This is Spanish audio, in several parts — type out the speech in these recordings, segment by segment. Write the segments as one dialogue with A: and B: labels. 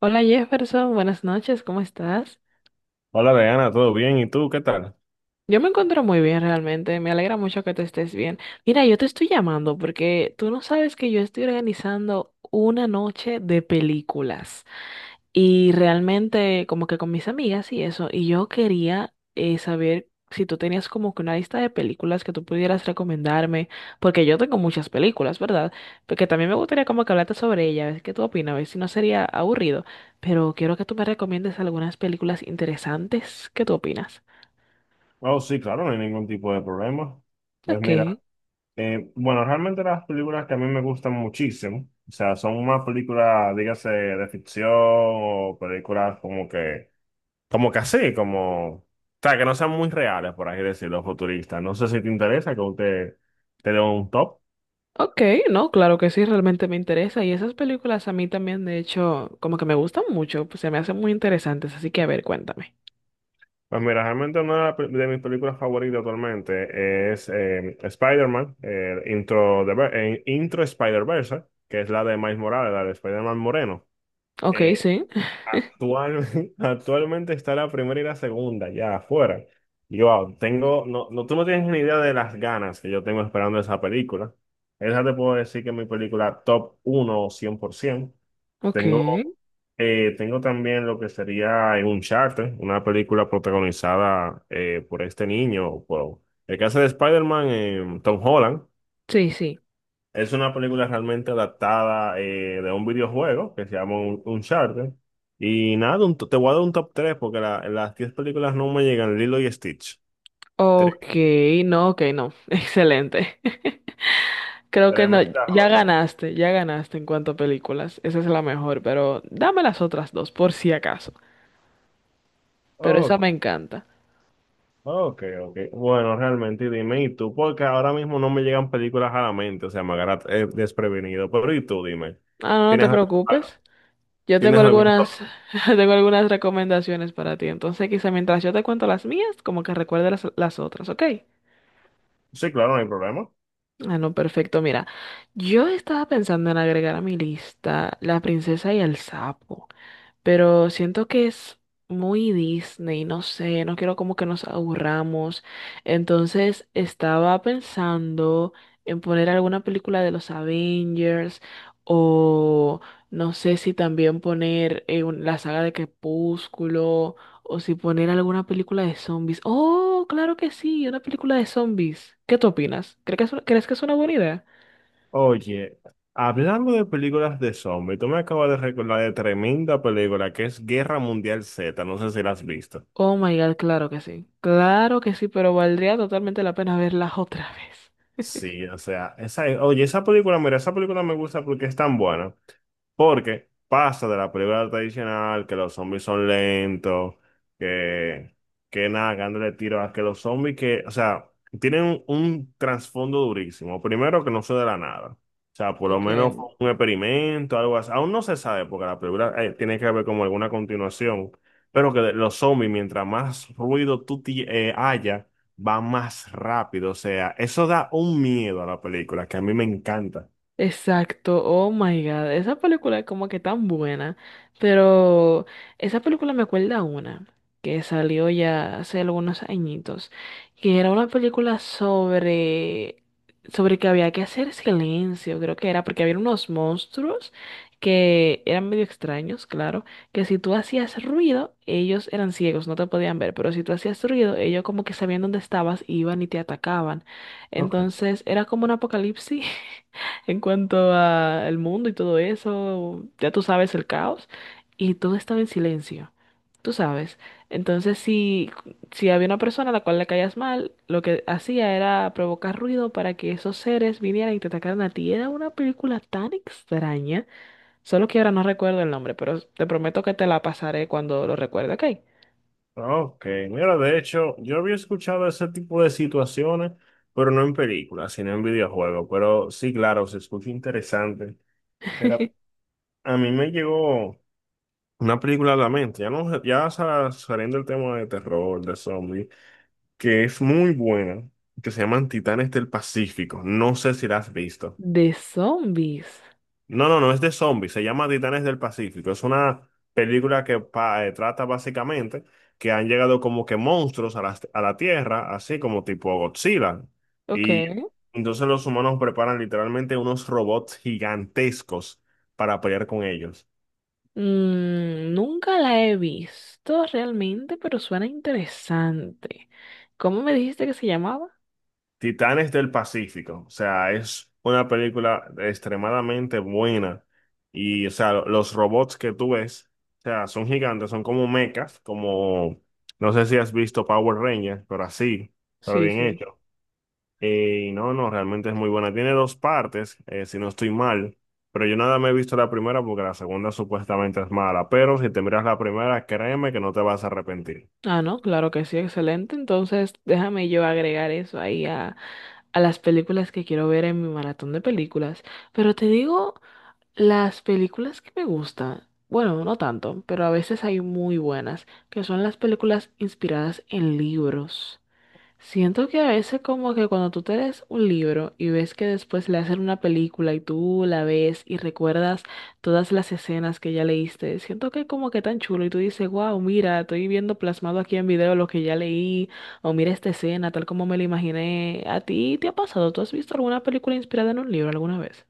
A: Hola Jefferson, buenas noches, ¿cómo estás?
B: Hola, Diana, ¿todo bien? ¿Y tú qué tal?
A: Yo me encuentro muy bien realmente, me alegra mucho que tú estés bien. Mira, yo te estoy llamando porque tú no sabes que yo estoy organizando una noche de películas y realmente como que con mis amigas y eso, y yo quería saber si tú tenías como que una lista de películas que tú pudieras recomendarme, porque yo tengo muchas películas, ¿verdad? Porque también me gustaría como que hablarte sobre ellas, a ver qué tú opinas, a ver si no sería aburrido, pero quiero que tú me recomiendes algunas películas interesantes, ¿qué tú opinas?
B: Oh, sí, claro, no hay ningún tipo de problema. Pues
A: Ok.
B: mira, bueno, realmente las películas que a mí me gustan muchísimo, o sea, son más películas, dígase, de ficción o películas como que así, como, o sea, que no sean muy reales, por así decirlo, futuristas. No sé si te interesa que te dé un top.
A: Ok, no, claro que sí, realmente me interesa. Y esas películas a mí también, de hecho, como que me gustan mucho, pues se me hacen muy interesantes, así que a ver, cuéntame.
B: Pues mira, realmente una de mis películas favoritas actualmente es Spider-Man, Intro Spider-Verse, que es la de Miles Morales, la de Spider-Man Moreno.
A: Ok,
B: Eh,
A: sí,
B: actual, actualmente está la primera y la segunda ya afuera. Y wow, no, no, tú no tienes ni idea de las ganas que yo tengo esperando esa película. Esa te puedo decir que es mi película top uno cien por 100%.
A: ok,
B: Tengo, Tengo también lo que sería un charter una película protagonizada por este niño, por el que hace de Spider-Man, Tom Holland.
A: sí, sí.
B: Es una película realmente adaptada de un videojuego que se llama Uncharted. Y nada, te voy a dar un top 3 porque las 10 películas no me llegan, Lilo y Stitch. Tres,
A: Ok, no, ok, no, excelente. Creo que no,
B: tremenda joya.
A: ya ganaste en cuanto a películas, esa es la mejor, pero dame las otras dos, por si acaso. Pero esa me encanta.
B: Ok, ok. Bueno, realmente dime, ¿y tú? Porque ahora mismo no me llegan películas a la mente, o sea, me agarra desprevenido. Pero ¿y tú? Dime,
A: Ah, no, no
B: ¿tienes,
A: te
B: al-
A: preocupes. Yo tengo
B: ¿tienes algún top?
A: algunas, tengo algunas recomendaciones para ti. Entonces, quizá mientras yo te cuento las mías, como que recuerde las otras, ¿ok?
B: Sí, claro, no hay problema.
A: Ah, no, perfecto. Mira, yo estaba pensando en agregar a mi lista La princesa y el sapo, pero siento que es muy Disney, no sé, no quiero como que nos aburramos. Entonces estaba pensando en poner alguna película de los Avengers o no sé si también poner la saga de Crepúsculo o si poner alguna película de zombies. Oh, claro que sí, una película de zombies. ¿Qué tú opinas? ¿Crees que es una buena idea?
B: Oye, hablando de películas de zombies, tú me acabas de recordar de tremenda película que es Guerra Mundial Z, no sé si la has visto.
A: Oh my God, claro que sí. Claro que sí, pero valdría totalmente la pena verla otra vez.
B: Sí, o sea, esa, oye, esa película, mira, esa película me gusta porque es tan buena. Porque pasa de la película tradicional, que los zombies son lentos, que, que nada, dándole tiro a que los zombies que, o sea, tienen un trasfondo durísimo. Primero que no se de la nada. O sea, por lo menos
A: Okay.
B: fue un experimento, algo así. Aún no se sabe, porque la película tiene que haber como alguna continuación. Pero los zombies, mientras más ruido haya, va más rápido, o sea, eso da un miedo a la película que a mí me encanta.
A: Exacto, oh my God, esa película es como que tan buena, pero esa película me acuerda a una que salió ya hace algunos añitos, que era una película sobre, sobre que había que hacer silencio, creo que era, porque había unos monstruos que eran medio extraños, claro, que si tú hacías ruido, ellos eran ciegos, no te podían ver, pero si tú hacías ruido, ellos como que sabían dónde estabas, iban y te atacaban,
B: Ok.
A: entonces era como un apocalipsis. En cuanto a el mundo y todo eso, ya tú sabes, el caos y todo estaba en silencio. Tú sabes. Entonces, si, si había una persona a la cual le caías mal, lo que hacía era provocar ruido para que esos seres vinieran y te atacaran a ti. Era una película tan extraña. Solo que ahora no recuerdo el nombre, pero te prometo que te la pasaré cuando lo recuerde, ¿ok?
B: Ok, mira, de hecho, yo había escuchado ese tipo de situaciones, pero no en películas, sino en videojuegos. Pero sí, claro, se escucha interesante. Pero a mí me llegó una película a la mente, ya no, saliendo del tema de terror, de zombies, que es muy buena, que se llaman Titanes del Pacífico. No sé si la has visto.
A: De zombies.
B: No, no, no es de zombies, se llama Titanes del Pacífico. Es una película trata básicamente que han llegado como que monstruos a a la Tierra, así como tipo Godzilla.
A: Ok.
B: Y entonces los humanos preparan literalmente unos robots gigantescos para pelear con ellos.
A: Mm, nunca la he visto realmente, pero suena interesante. ¿Cómo me dijiste que se llamaba?
B: Titanes del Pacífico, o sea, es una película extremadamente buena y, o sea, los robots que tú ves, o sea, son gigantes, son como mechas, como, no sé si has visto Power Rangers, pero así, pero
A: Sí,
B: bien
A: sí.
B: hecho. Y no, no, realmente es muy buena. Tiene dos partes, si no estoy mal, pero yo nada me he visto la primera porque la segunda supuestamente es mala, pero si te miras la primera, créeme que no te vas a arrepentir.
A: Ah, no, claro que sí, excelente. Entonces, déjame yo agregar eso ahí a las películas que quiero ver en mi maratón de películas. Pero te digo, las películas que me gustan, bueno, no tanto, pero a veces hay muy buenas, que son las películas inspiradas en libros. Siento que a veces como que cuando tú te lees un libro y ves que después le hacen una película y tú la ves y recuerdas todas las escenas que ya leíste, siento que como que tan chulo y tú dices, wow, mira, estoy viendo plasmado aquí en video lo que ya leí, o mira esta escena tal como me la imaginé. ¿A ti te ha pasado? ¿Tú has visto alguna película inspirada en un libro alguna vez?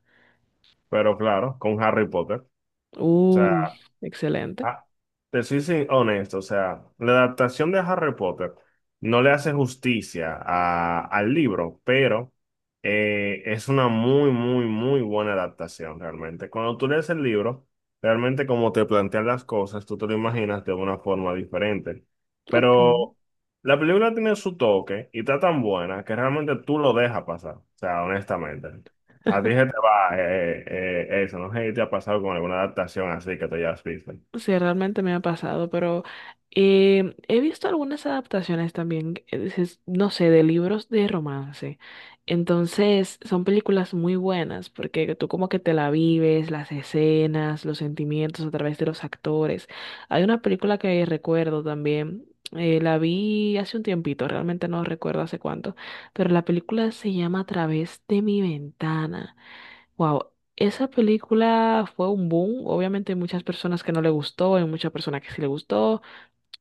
B: Pero claro, con Harry Potter. O
A: Uh,
B: sea,
A: excelente.
B: Ah, te soy honesto, o sea, la adaptación de Harry Potter no le hace justicia al libro, pero es una muy, muy, muy buena adaptación realmente. Cuando tú lees el libro, realmente como te plantean las cosas, tú te lo imaginas de una forma diferente.
A: Ok.
B: Pero la película tiene su toque y está tan buena que realmente tú lo dejas pasar, o sea, honestamente. A ti se te va eso, no sé si te ha pasado con alguna adaptación así que tú ya has visto.
A: Sí, realmente me ha pasado, pero he visto algunas adaptaciones también, no sé, de libros de romance. Entonces, son películas muy buenas porque tú como que te la vives, las escenas, los sentimientos a través de los actores. Hay una película que recuerdo también, la vi hace un tiempito, realmente no recuerdo hace cuánto, pero la película se llama A través de mi ventana. Wow, esa película fue un boom. Obviamente hay muchas personas que no le gustó, hay muchas personas que sí le gustó.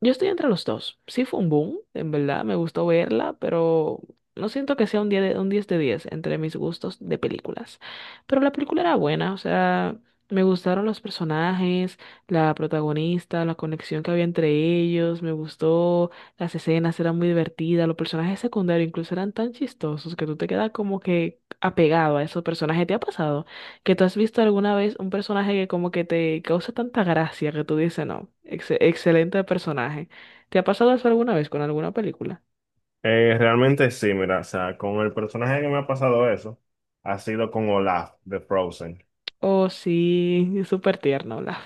A: Yo estoy entre los dos. Sí fue un boom, en verdad, me gustó verla, pero no siento que sea un 10 de 10 entre mis gustos de películas. Pero la película era buena, o sea, me gustaron los personajes, la protagonista, la conexión que había entre ellos, me gustó, las escenas eran muy divertidas, los personajes secundarios incluso eran tan chistosos que tú te quedas como que apegado a esos personajes. ¿Te ha pasado? ¿Que tú has visto alguna vez un personaje que como que te causa tanta gracia que tú dices, no, excelente personaje? ¿Te ha pasado eso alguna vez con alguna película?
B: Realmente sí, mira, o sea, con el personaje que me ha pasado eso, ha sido con Olaf de Frozen
A: Oh, sí, es súper tierno, Olaf.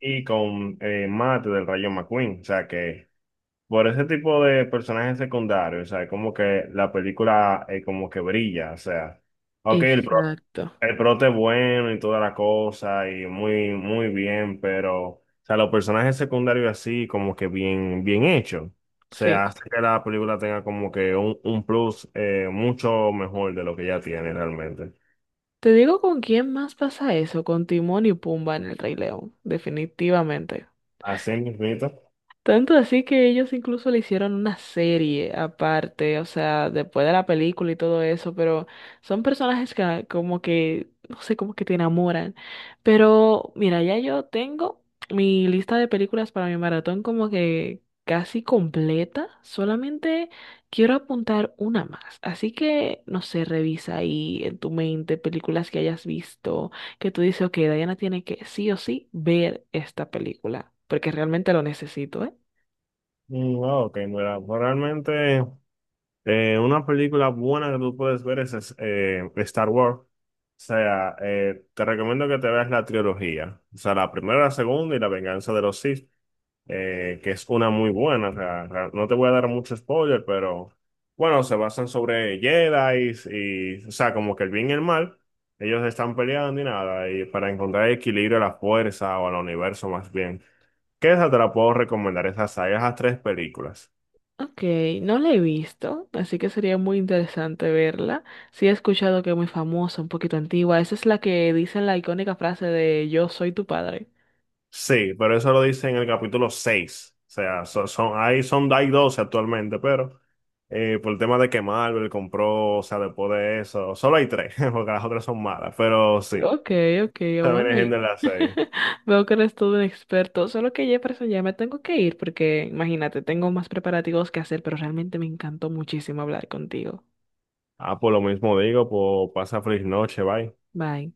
B: y con Matt del Rayo McQueen, o sea que por ese tipo de personajes secundarios, o sea, como que la película como que brilla, o sea, ok,
A: Exacto,
B: el prota es bueno y toda la cosa, y muy, muy bien, pero, o sea, los personajes secundarios así, como que bien, bien hechos. O sea,
A: sí.
B: hace que la película tenga como que un plus mucho mejor de lo que ya tiene realmente.
A: Te digo con quién más pasa eso, con Timón y Pumba en El Rey León, definitivamente.
B: Así mismito.
A: Tanto así que ellos incluso le hicieron una serie aparte, o sea, después de la película y todo eso, pero son personajes que como que, no sé, como que te enamoran. Pero mira, ya yo tengo mi lista de películas para mi maratón como que casi completa, solamente quiero apuntar una más. Así que, no sé, revisa ahí en tu mente películas que hayas visto, que tú dices, ok, Diana tiene que sí o sí ver esta película, porque realmente lo necesito, ¿eh?
B: Mm, wow, ok, mira, pues realmente una película buena que tú puedes ver Star Wars. O sea, te recomiendo que te veas la trilogía. O sea, la primera, la segunda y la venganza de los Sith. Eh, que es una muy buena. O sea, no te voy a dar mucho spoiler, pero bueno, se basan sobre Jedi y, o sea, como que el bien y el mal, ellos están peleando y nada, y para encontrar el equilibrio a la fuerza o al universo más bien. ¿Qué esa te la puedo recomendar? Esas sagas, esas tres películas.
A: Ok, no la he visto, así que sería muy interesante verla. Sí he escuchado que es muy famosa, un poquito antigua. Esa es la que dice la icónica frase de Yo soy tu padre.
B: Sí, pero eso lo dice en el capítulo seis. O sea, son, ahí son, hay 12 actualmente, pero por el tema de que Marvel compró, o sea, después de eso, solo hay tres, porque las otras son malas, pero sí.
A: Ok, ok,
B: También hay
A: bueno. Y
B: gente las seis.
A: veo que eres todo un experto, solo que Jefferson ya me tengo que ir porque imagínate, tengo más preparativos que hacer, pero realmente me encantó muchísimo hablar contigo.
B: Ah, por lo mismo digo, pues pasa feliz noche, bye.
A: Bye.